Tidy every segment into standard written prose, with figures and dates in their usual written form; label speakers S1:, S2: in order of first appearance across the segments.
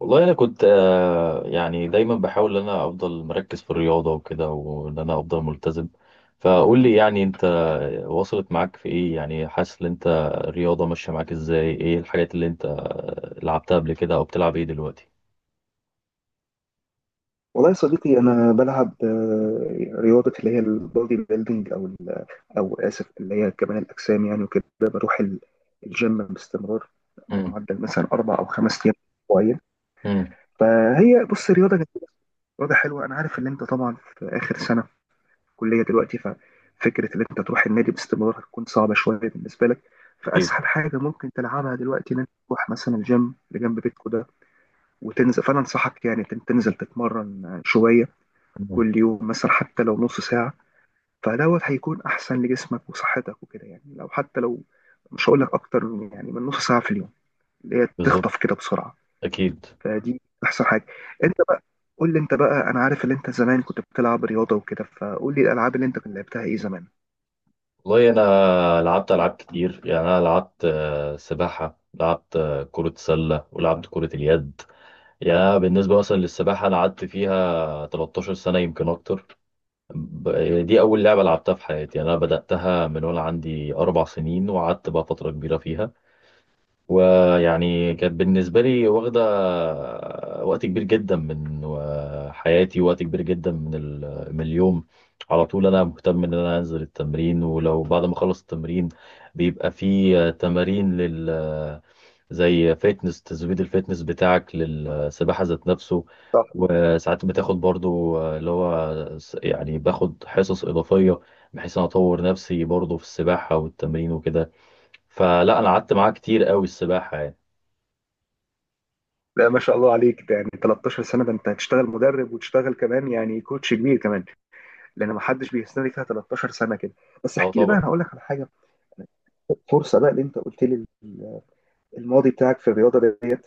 S1: والله انا كنت يعني دايما بحاول ان انا افضل مركز في الرياضه وكده وان انا افضل ملتزم. فقول لي يعني انت وصلت معاك في ايه، يعني حاسس ان انت الرياضه ماشيه معاك ازاي؟ ايه الحاجات اللي انت لعبتها قبل كده او بتلعب ايه دلوقتي؟
S2: والله يا صديقي انا بلعب رياضه اللي هي البودي بيلدينج او ال- او اسف اللي هي كمال الاجسام يعني وكده بروح الجيم باستمرار
S1: امم.
S2: بمعدل مثلا اربع او خمس ايام اسبوعيا.
S1: امم.
S2: فهي بص رياضه جميله، رياضه حلوه. انا عارف ان انت طبعا في اخر سنه كليه دلوقتي، ففكره ان انت تروح النادي باستمرار هتكون صعبه شويه بالنسبه لك.
S1: ايه.
S2: فاسهل حاجه ممكن تلعبها دلوقتي ان انت تروح مثلا الجيم اللي جنب بيتكو ده وتنزل. فانا انصحك يعني تنزل تتمرن شويه
S1: مم.
S2: كل يوم، مثلا حتى لو نص ساعة. فدوت هيكون أحسن لجسمك وصحتك وكده، يعني لو حتى لو، مش هقول لك أكتر من يعني من نص ساعة في اليوم، اللي هي
S1: بالظبط.
S2: تخطف كده بسرعة.
S1: اكيد.
S2: فدي أحسن حاجة. أنت بقى قول لي، أنت بقى أنا عارف إن أنت زمان كنت بتلعب رياضة وكده، فقول لي الألعاب اللي أنت كنت لعبتها إيه زمان.
S1: والله انا لعبت العاب كتير، يعني انا لعبت سباحه، لعبت كره سله، ولعبت كره اليد. يعني أنا بالنسبه مثلا للسباحه انا قعدت فيها 13 سنه يمكن اكتر. دي أول لعبة لعبتها في حياتي، أنا بدأتها من وأنا عندي 4 سنين وقعدت بقى فترة كبيرة فيها. ويعني كانت بالنسبة لي واخدة وقت كبير جدا من حياتي، وقت كبير جدا من اليوم. على طول أنا مهتم إن أنا أنزل التمرين، ولو بعد ما أخلص التمرين بيبقى في تمارين لل، زي فيتنس تزويد الفيتنس بتاعك للسباحة ذات نفسه.
S2: صح.
S1: وساعات بتاخد برضو اللي هو يعني باخد حصص إضافية بحيث أنا أطور نفسي برضو في السباحة والتمرين وكده. فلا أنا قعدت معاه كتير قوي السباحة يعني.
S2: لا ما شاء الله عليك، ده يعني 13 سنة، ده أنت هتشتغل مدرب وتشتغل كمان يعني كوتش كبير كمان، لأن ما حدش بيستنى فيها 13 سنة كده. بس
S1: اه
S2: احكي لي بقى،
S1: طبعا.
S2: أنا هقول لك على حاجة، فرصة بقى اللي أنت قلت لي الماضي بتاعك في الرياضة ديت.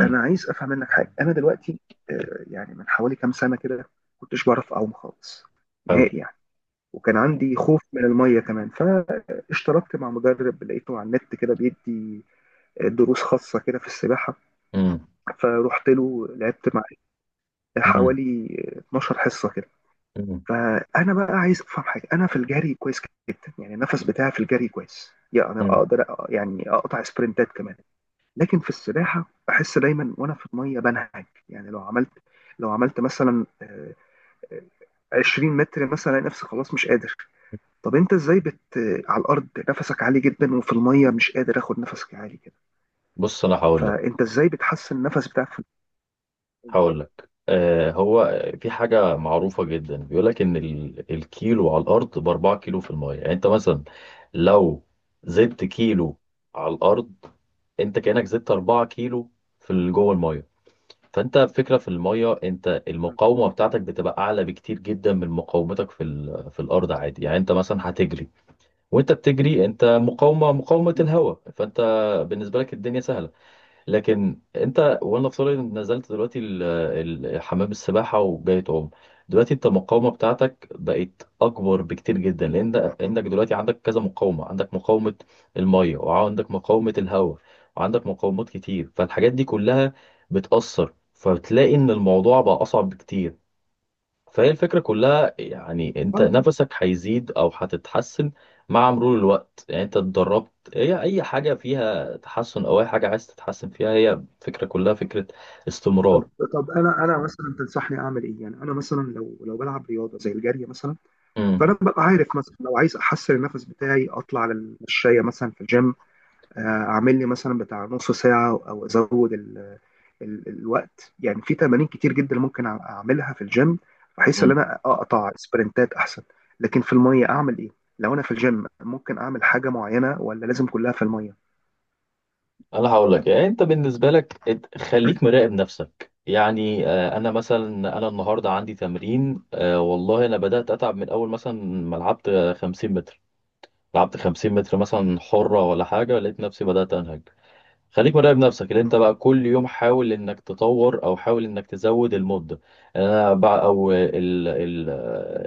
S2: انا عايز افهم منك حاجه. انا دلوقتي يعني من حوالي كام سنه كده كنتش بعرف اعوم خالص
S1: حلو.
S2: نهائي يعني، وكان عندي خوف من الميه كمان. فاشتركت مع مدرب لقيته على النت كده، بيدي دروس خاصه كده في السباحه.
S1: امم.
S2: فروحت له لعبت معاه
S1: امم.
S2: حوالي 12 حصه كده.
S1: امم.
S2: فانا بقى عايز افهم حاجه، انا في الجري كويس جدا يعني، النفس بتاعي في الجري كويس، يعني
S1: أمم.
S2: اقدر يعني اقطع سبرنتات كمان. لكن في السباحه بحس دايما وانا في الميه بنهج، يعني لو عملت مثلا آه، 20 متر مثلا الاقي نفسي خلاص مش قادر. طب انت ازاي بت آه، على الارض نفسك عالي جدا وفي الميه مش قادر اخد نفسك عالي كده؟
S1: بص أنا هقول لك
S2: فانت ازاي بتحسن النفس بتاعك في الميه ده؟
S1: هقول لك هو في حاجة معروفة جدا بيقول لك إن الكيلو على الأرض بـ 4 كيلو في المية، يعني أنت مثلا لو زدت كيلو على الأرض أنت كأنك زدت 4 كيلو في جوه المية. فأنت فكرة في المية أنت المقاومة بتاعتك بتبقى أعلى بكتير جدا من مقاومتك في الأرض عادي. يعني أنت مثلا هتجري وأنت بتجري أنت مقاومة الهواء، فأنت بالنسبة لك الدنيا سهلة. لكن انت وانا افترض انك نزلت دلوقتي حمام السباحه وجاي تعوم، دلوقتي انت المقاومه بتاعتك بقت اكبر بكتير جدا لان عندك دلوقتي عندك كذا مقاومه، عندك مقاومه الميه وعندك مقاومه الهواء وعندك مقاومات كتير. فالحاجات دي كلها بتاثر، فبتلاقي ان الموضوع بقى اصعب بكتير. فهي الفكرة كلها يعني انت
S2: آه،
S1: نفسك هيزيد او هتتحسن مع مرور الوقت. يعني انت اتدربت، هي اي حاجة فيها تحسن او اي حاجة عايز تتحسن فيها هي الفكرة كلها فكرة
S2: طب
S1: استمرار.
S2: انا مثلا تنصحني اعمل ايه؟ يعني انا مثلا لو بلعب رياضه زي الجري مثلا، فانا
S1: امم.
S2: ببقى عارف مثلا لو عايز احسن النفس بتاعي اطلع على المشايه مثلا في الجيم، اعمل لي مثلا بتاع نص ساعه او ازود ال الوقت. يعني في تمارين كتير جدا ممكن اعملها في الجيم بحيث ان
S1: امم.
S2: انا اقطع سبرنتات احسن. لكن في الميه اعمل ايه؟ لو انا في الجيم ممكن اعمل حاجه معينه، ولا لازم كلها في الميه؟
S1: انا هقول لك، يعني انت بالنسبة لك خليك مراقب نفسك. يعني انا مثلا انا النهارده عندي تمرين، والله انا بدأت اتعب من اول مثلا ما لعبت 50 متر، لعبت 50 متر مثلا حرة ولا حاجة لقيت نفسي بدأت انهج. خليك مراقب نفسك اللي انت بقى كل يوم حاول انك تطور او حاول انك تزود المدة انا بقى او ال ال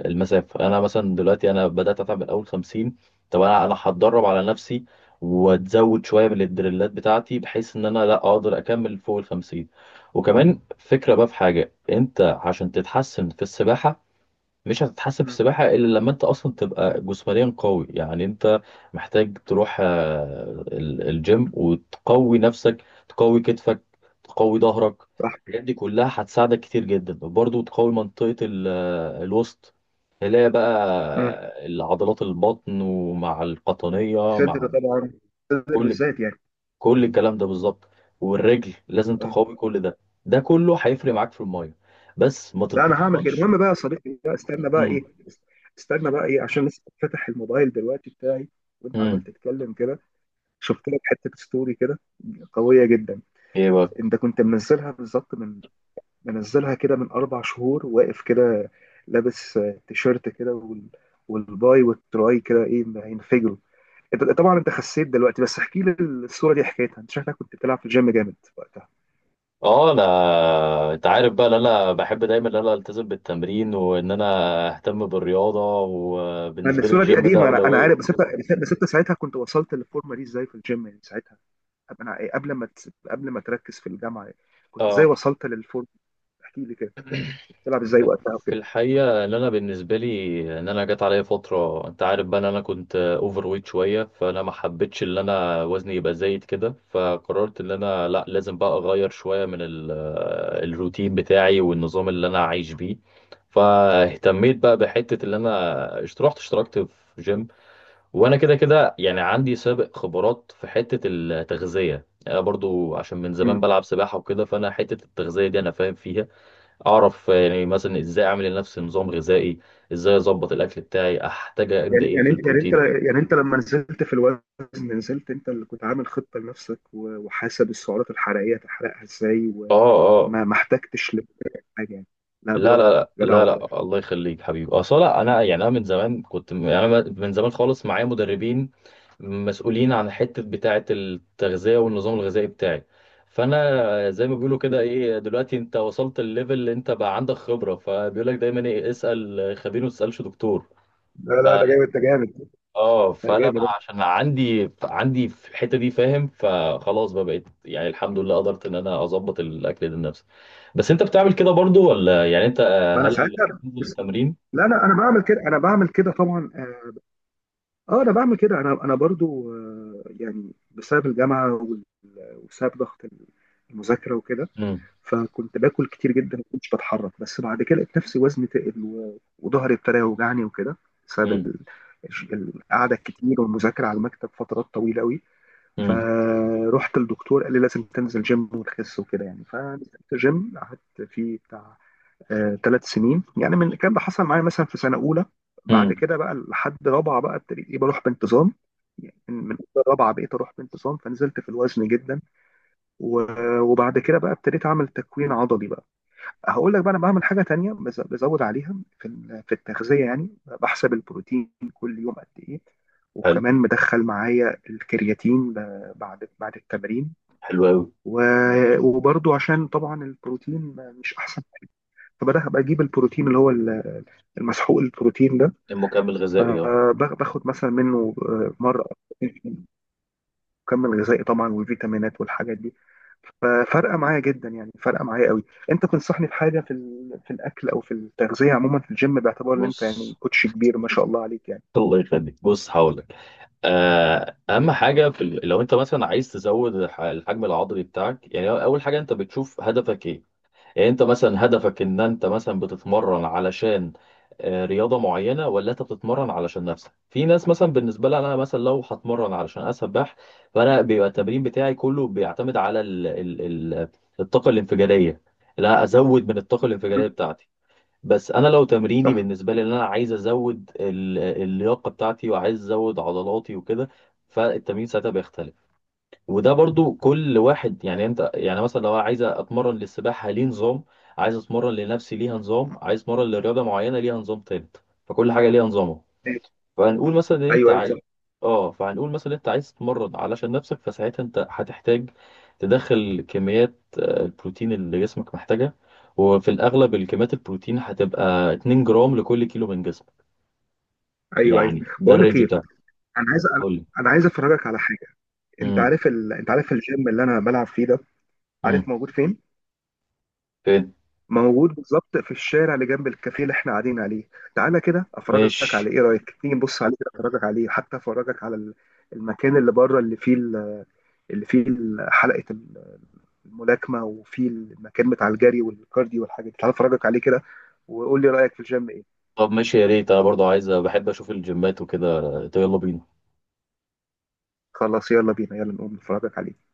S1: المسافة. انا مثلا دلوقتي انا بدأت اتعب من اول 50. طب انا انا هتدرب على نفسي واتزود شوية من الدريلات بتاعتي بحيث ان انا لا اقدر اكمل فوق ال 50. وكمان فكرة بقى في حاجة انت عشان تتحسن في السباحة، مش هتتحسن في
S2: مم.
S1: السباحة إلا لما أنت أصلا تبقى جسمانيا قوي. يعني أنت محتاج تروح الجيم وتقوي نفسك، تقوي كتفك، تقوي ظهرك.
S2: صح.
S1: الحاجات دي كلها هتساعدك كتير جدا. وبرضه تقوي منطقة الوسط. تلاقي
S2: مم.
S1: بقى العضلات البطن ومع القطنية
S2: صدر
S1: مع
S2: طبعا، صدر
S1: كل
S2: بالذات يعني.
S1: كل الكلام ده بالظبط. والرجل لازم
S2: اه.
S1: تقوي كل ده، ده كله هيفرق معاك في المية، بس ما
S2: لا انا هعمل كده.
S1: تتمرنش.
S2: المهم بقى يا صديقي، بقى استنى بقى ايه،
S1: امم.
S2: استنى بقى ايه، عشان لسه فاتح الموبايل دلوقتي بتاعي وانت عمال
S1: امم.
S2: تتكلم كده. شفت لك حته ستوري كده قويه جدا.
S1: ايه بقى؟
S2: انت كنت منزلها بالظبط من، منزلها كده من 4 شهور، واقف كده لابس تيشيرت كده والباي والتراي كده ايه هينفجروا. انت طبعا انت خسيت دلوقتي، بس احكي لي الصوره دي حكايتها. انت شكلك كنت بتلعب في الجيم جامد وقتها.
S1: اه. انت عارف بقى ان انا بحب دايما ان انا التزم بالتمرين وان انا اهتم بالرياضه،
S2: لان
S1: وبالنسبه لي
S2: الصوره دي
S1: الجيم ده
S2: قديمه، انا انا
S1: اولويه.
S2: عارف، بس انت، بس انت ساعتها كنت وصلت للفورمه دي ازاي في الجيم؟ يعني ساعتها قبل، انا قبل ما قبل ما تركز في الجامعه يعني. كنت ازاي
S1: اه،
S2: وصلت للفورمه؟ احكي لي كده كنت بتلعب ازاي وقتها
S1: في
S2: وكده.
S1: الحقيقه ان انا بالنسبه لي ان انا جت عليا فتره انت عارف بقى ان انا كنت اوفر ويت شويه، فانا ما حبيتش ان انا وزني يبقى زايد كده، فقررت ان انا لا لازم بقى اغير شويه من الروتين بتاعي والنظام اللي انا عايش بيه. فاهتميت بقى بحته اللي انا رحت اشتركت في جيم. وانا كده كده يعني عندي سابق خبرات في حته التغذيه، يعني انا برضو عشان من زمان بلعب سباحه وكده، فانا حته التغذيه دي انا فاهم فيها. اعرف يعني مثلا ازاي اعمل لنفسي نظام غذائي، ازاي اظبط الاكل بتاعي، احتاج قد
S2: يعني
S1: ايه في
S2: يعني انت يعني انت
S1: البروتين.
S2: يعني انت لما نزلت في الوزن، نزلت انت اللي كنت عامل خطة لنفسك، وحاسب السعرات الحرارية هتحرقها ازاي،
S1: اه. اه.
S2: ما احتجتش لحاجة يعني؟ لا
S1: لا
S2: برافو،
S1: لا
S2: جدع
S1: لا لا
S2: والله.
S1: لا، الله يخليك حبيبي، اصل لا انا يعني انا من زمان كنت يعني انا من زمان خالص معايا مدربين مسؤولين عن حته بتاعه التغذيه والنظام الغذائي بتاعي. فانا زي ما بيقولوا كده، ايه دلوقتي انت وصلت الليفل اللي انت بقى عندك خبره، فبيقول لك دايما ايه، اسال خبير ما تسالش دكتور.
S2: لا لا ده جامد، ده جامد،
S1: اه،
S2: ده
S1: فانا
S2: جامد.
S1: بقى عشان عندي في الحته دي فاهم، فخلاص بقى بقيت يعني الحمد لله قدرت ان انا اظبط الاكل ده لنفسي. بس انت بتعمل كده برضو ولا؟ يعني انت
S2: ما انا
S1: هل
S2: ساعتها
S1: بتنزل
S2: بس.
S1: التمرين؟
S2: لا لا انا بعمل كده، انا بعمل كده طبعا اه. انا بعمل كده، انا برضو يعني بسبب الجامعة وبسبب ضغط المذاكرة وكده،
S1: امم.
S2: فكنت باكل كتير جدا ما كنتش بتحرك. بس بعد كده لقيت نفسي وزني تقل، وظهري ابتدى يوجعني وكده بسبب
S1: امم.
S2: القعده الكتير والمذاكره على المكتب فترات طويله قوي.
S1: امم.
S2: فروحت للدكتور قال لي لازم تنزل جيم وتخس وكده يعني. فنزلت جيم قعدت فيه بتاع 3 سنين يعني. من الكلام ده حصل معايا مثلا في سنه اولى، بعد
S1: امم.
S2: كده بقى لحد رابعه بقى ابتديت إيه بروح بانتظام، يعني من أولى رابعه بقيت اروح بانتظام، فنزلت في الوزن جدا. وبعد كده بقى ابتديت اعمل تكوين عضلي بقى. هقول لك بقى انا بعمل حاجه تانية بزود عليها في في التغذيه يعني. بحسب البروتين كل يوم قد ايه،
S1: حلو.
S2: وكمان مدخل معايا الكرياتين بعد التمرين.
S1: حلو قوي.
S2: وبرضو عشان طبعا البروتين مش احسن حاجة، فبدأ بجيب البروتين اللي هو المسحوق البروتين ده،
S1: المكمل الغذائي، اه.
S2: باخد مثلا منه مره. مكمل غذائي طبعا، والفيتامينات والحاجات دي ففرقه معايا جدا، يعني فرقه معايا قوي. انت تنصحني بحاجه في في الاكل او في التغذيه عموما في الجيم، باعتبار ان انت يعني
S1: بص.
S2: كوتش كبير ما شاء الله عليك يعني.
S1: الله يخليك، بص هقول لك. اهم حاجه في لو انت مثلا عايز تزود الحجم العضلي بتاعك، يعني اول حاجه انت بتشوف هدفك ايه. يعني انت مثلا هدفك ان انت مثلا بتتمرن علشان رياضة معينة، ولا انت بتتمرن علشان نفسك. في ناس مثلا بالنسبة لها انا مثلا لو هتمرن علشان اسبح، فانا بيبقى التمرين بتاعي كله بيعتمد على ال ال ال الطاقة الانفجارية. لا ازود من الطاقة الانفجارية
S2: مم.
S1: بتاعتي. بس انا لو تمريني
S2: صح.
S1: بالنسبة لي ان انا عايز ازود اللياقة بتاعتي وعايز ازود عضلاتي وكده، فالتمرين ساعتها بيختلف. وده برضو كل واحد، يعني انت يعني مثلا لو عايز اتمرن للسباحه ليه نظام، عايز اتمرن لنفسي ليها نظام، عايز اتمرن لرياضه معينه ليها نظام تالت، فكل حاجه ليها نظامها. فهنقول مثلا ان انت
S2: ايوه ايوه،
S1: عايز،
S2: صح.
S1: اه فهنقول مثلا انت عايز تتمرن علشان نفسك، فساعتها انت هتحتاج تدخل كميات البروتين اللي جسمك محتاجها. وفي الاغلب الكميات البروتين هتبقى 2 جرام لكل كيلو من جسمك،
S2: ايوه ايوه.
S1: يعني ده
S2: بقول لك
S1: الرينج
S2: ايه،
S1: بتاعك.
S2: انا عايز
S1: قول لي.
S2: انا عايز افرجك على حاجه. انت
S1: امم.
S2: عارف انت عارف الجيم اللي انا بلعب فيه ده؟ عارف
S1: امم.
S2: موجود فين؟
S1: فين؟
S2: موجود بالظبط في الشارع اللي جنب الكافيه اللي احنا قاعدين عليه. تعالى كده افرجك، على
S1: ماشي.
S2: ايه رايك تيجي نبص عليه كده، افرجك عليه، حتى افرجك على المكان اللي بره اللي فيه اللي فيه حلقه الملاكمه، وفيه المكان بتاع الجري والكارديو والحاجات دي. تعالى افرجك عليه كده وقول لي رايك في الجيم ايه.
S1: طب ماشي، يا ريت انا برضو عايز بحب اشوف الجيمات وكده. طيب يلا بينا.
S2: خلاص يلا بينا، يلا نقوم نفرجك عليه.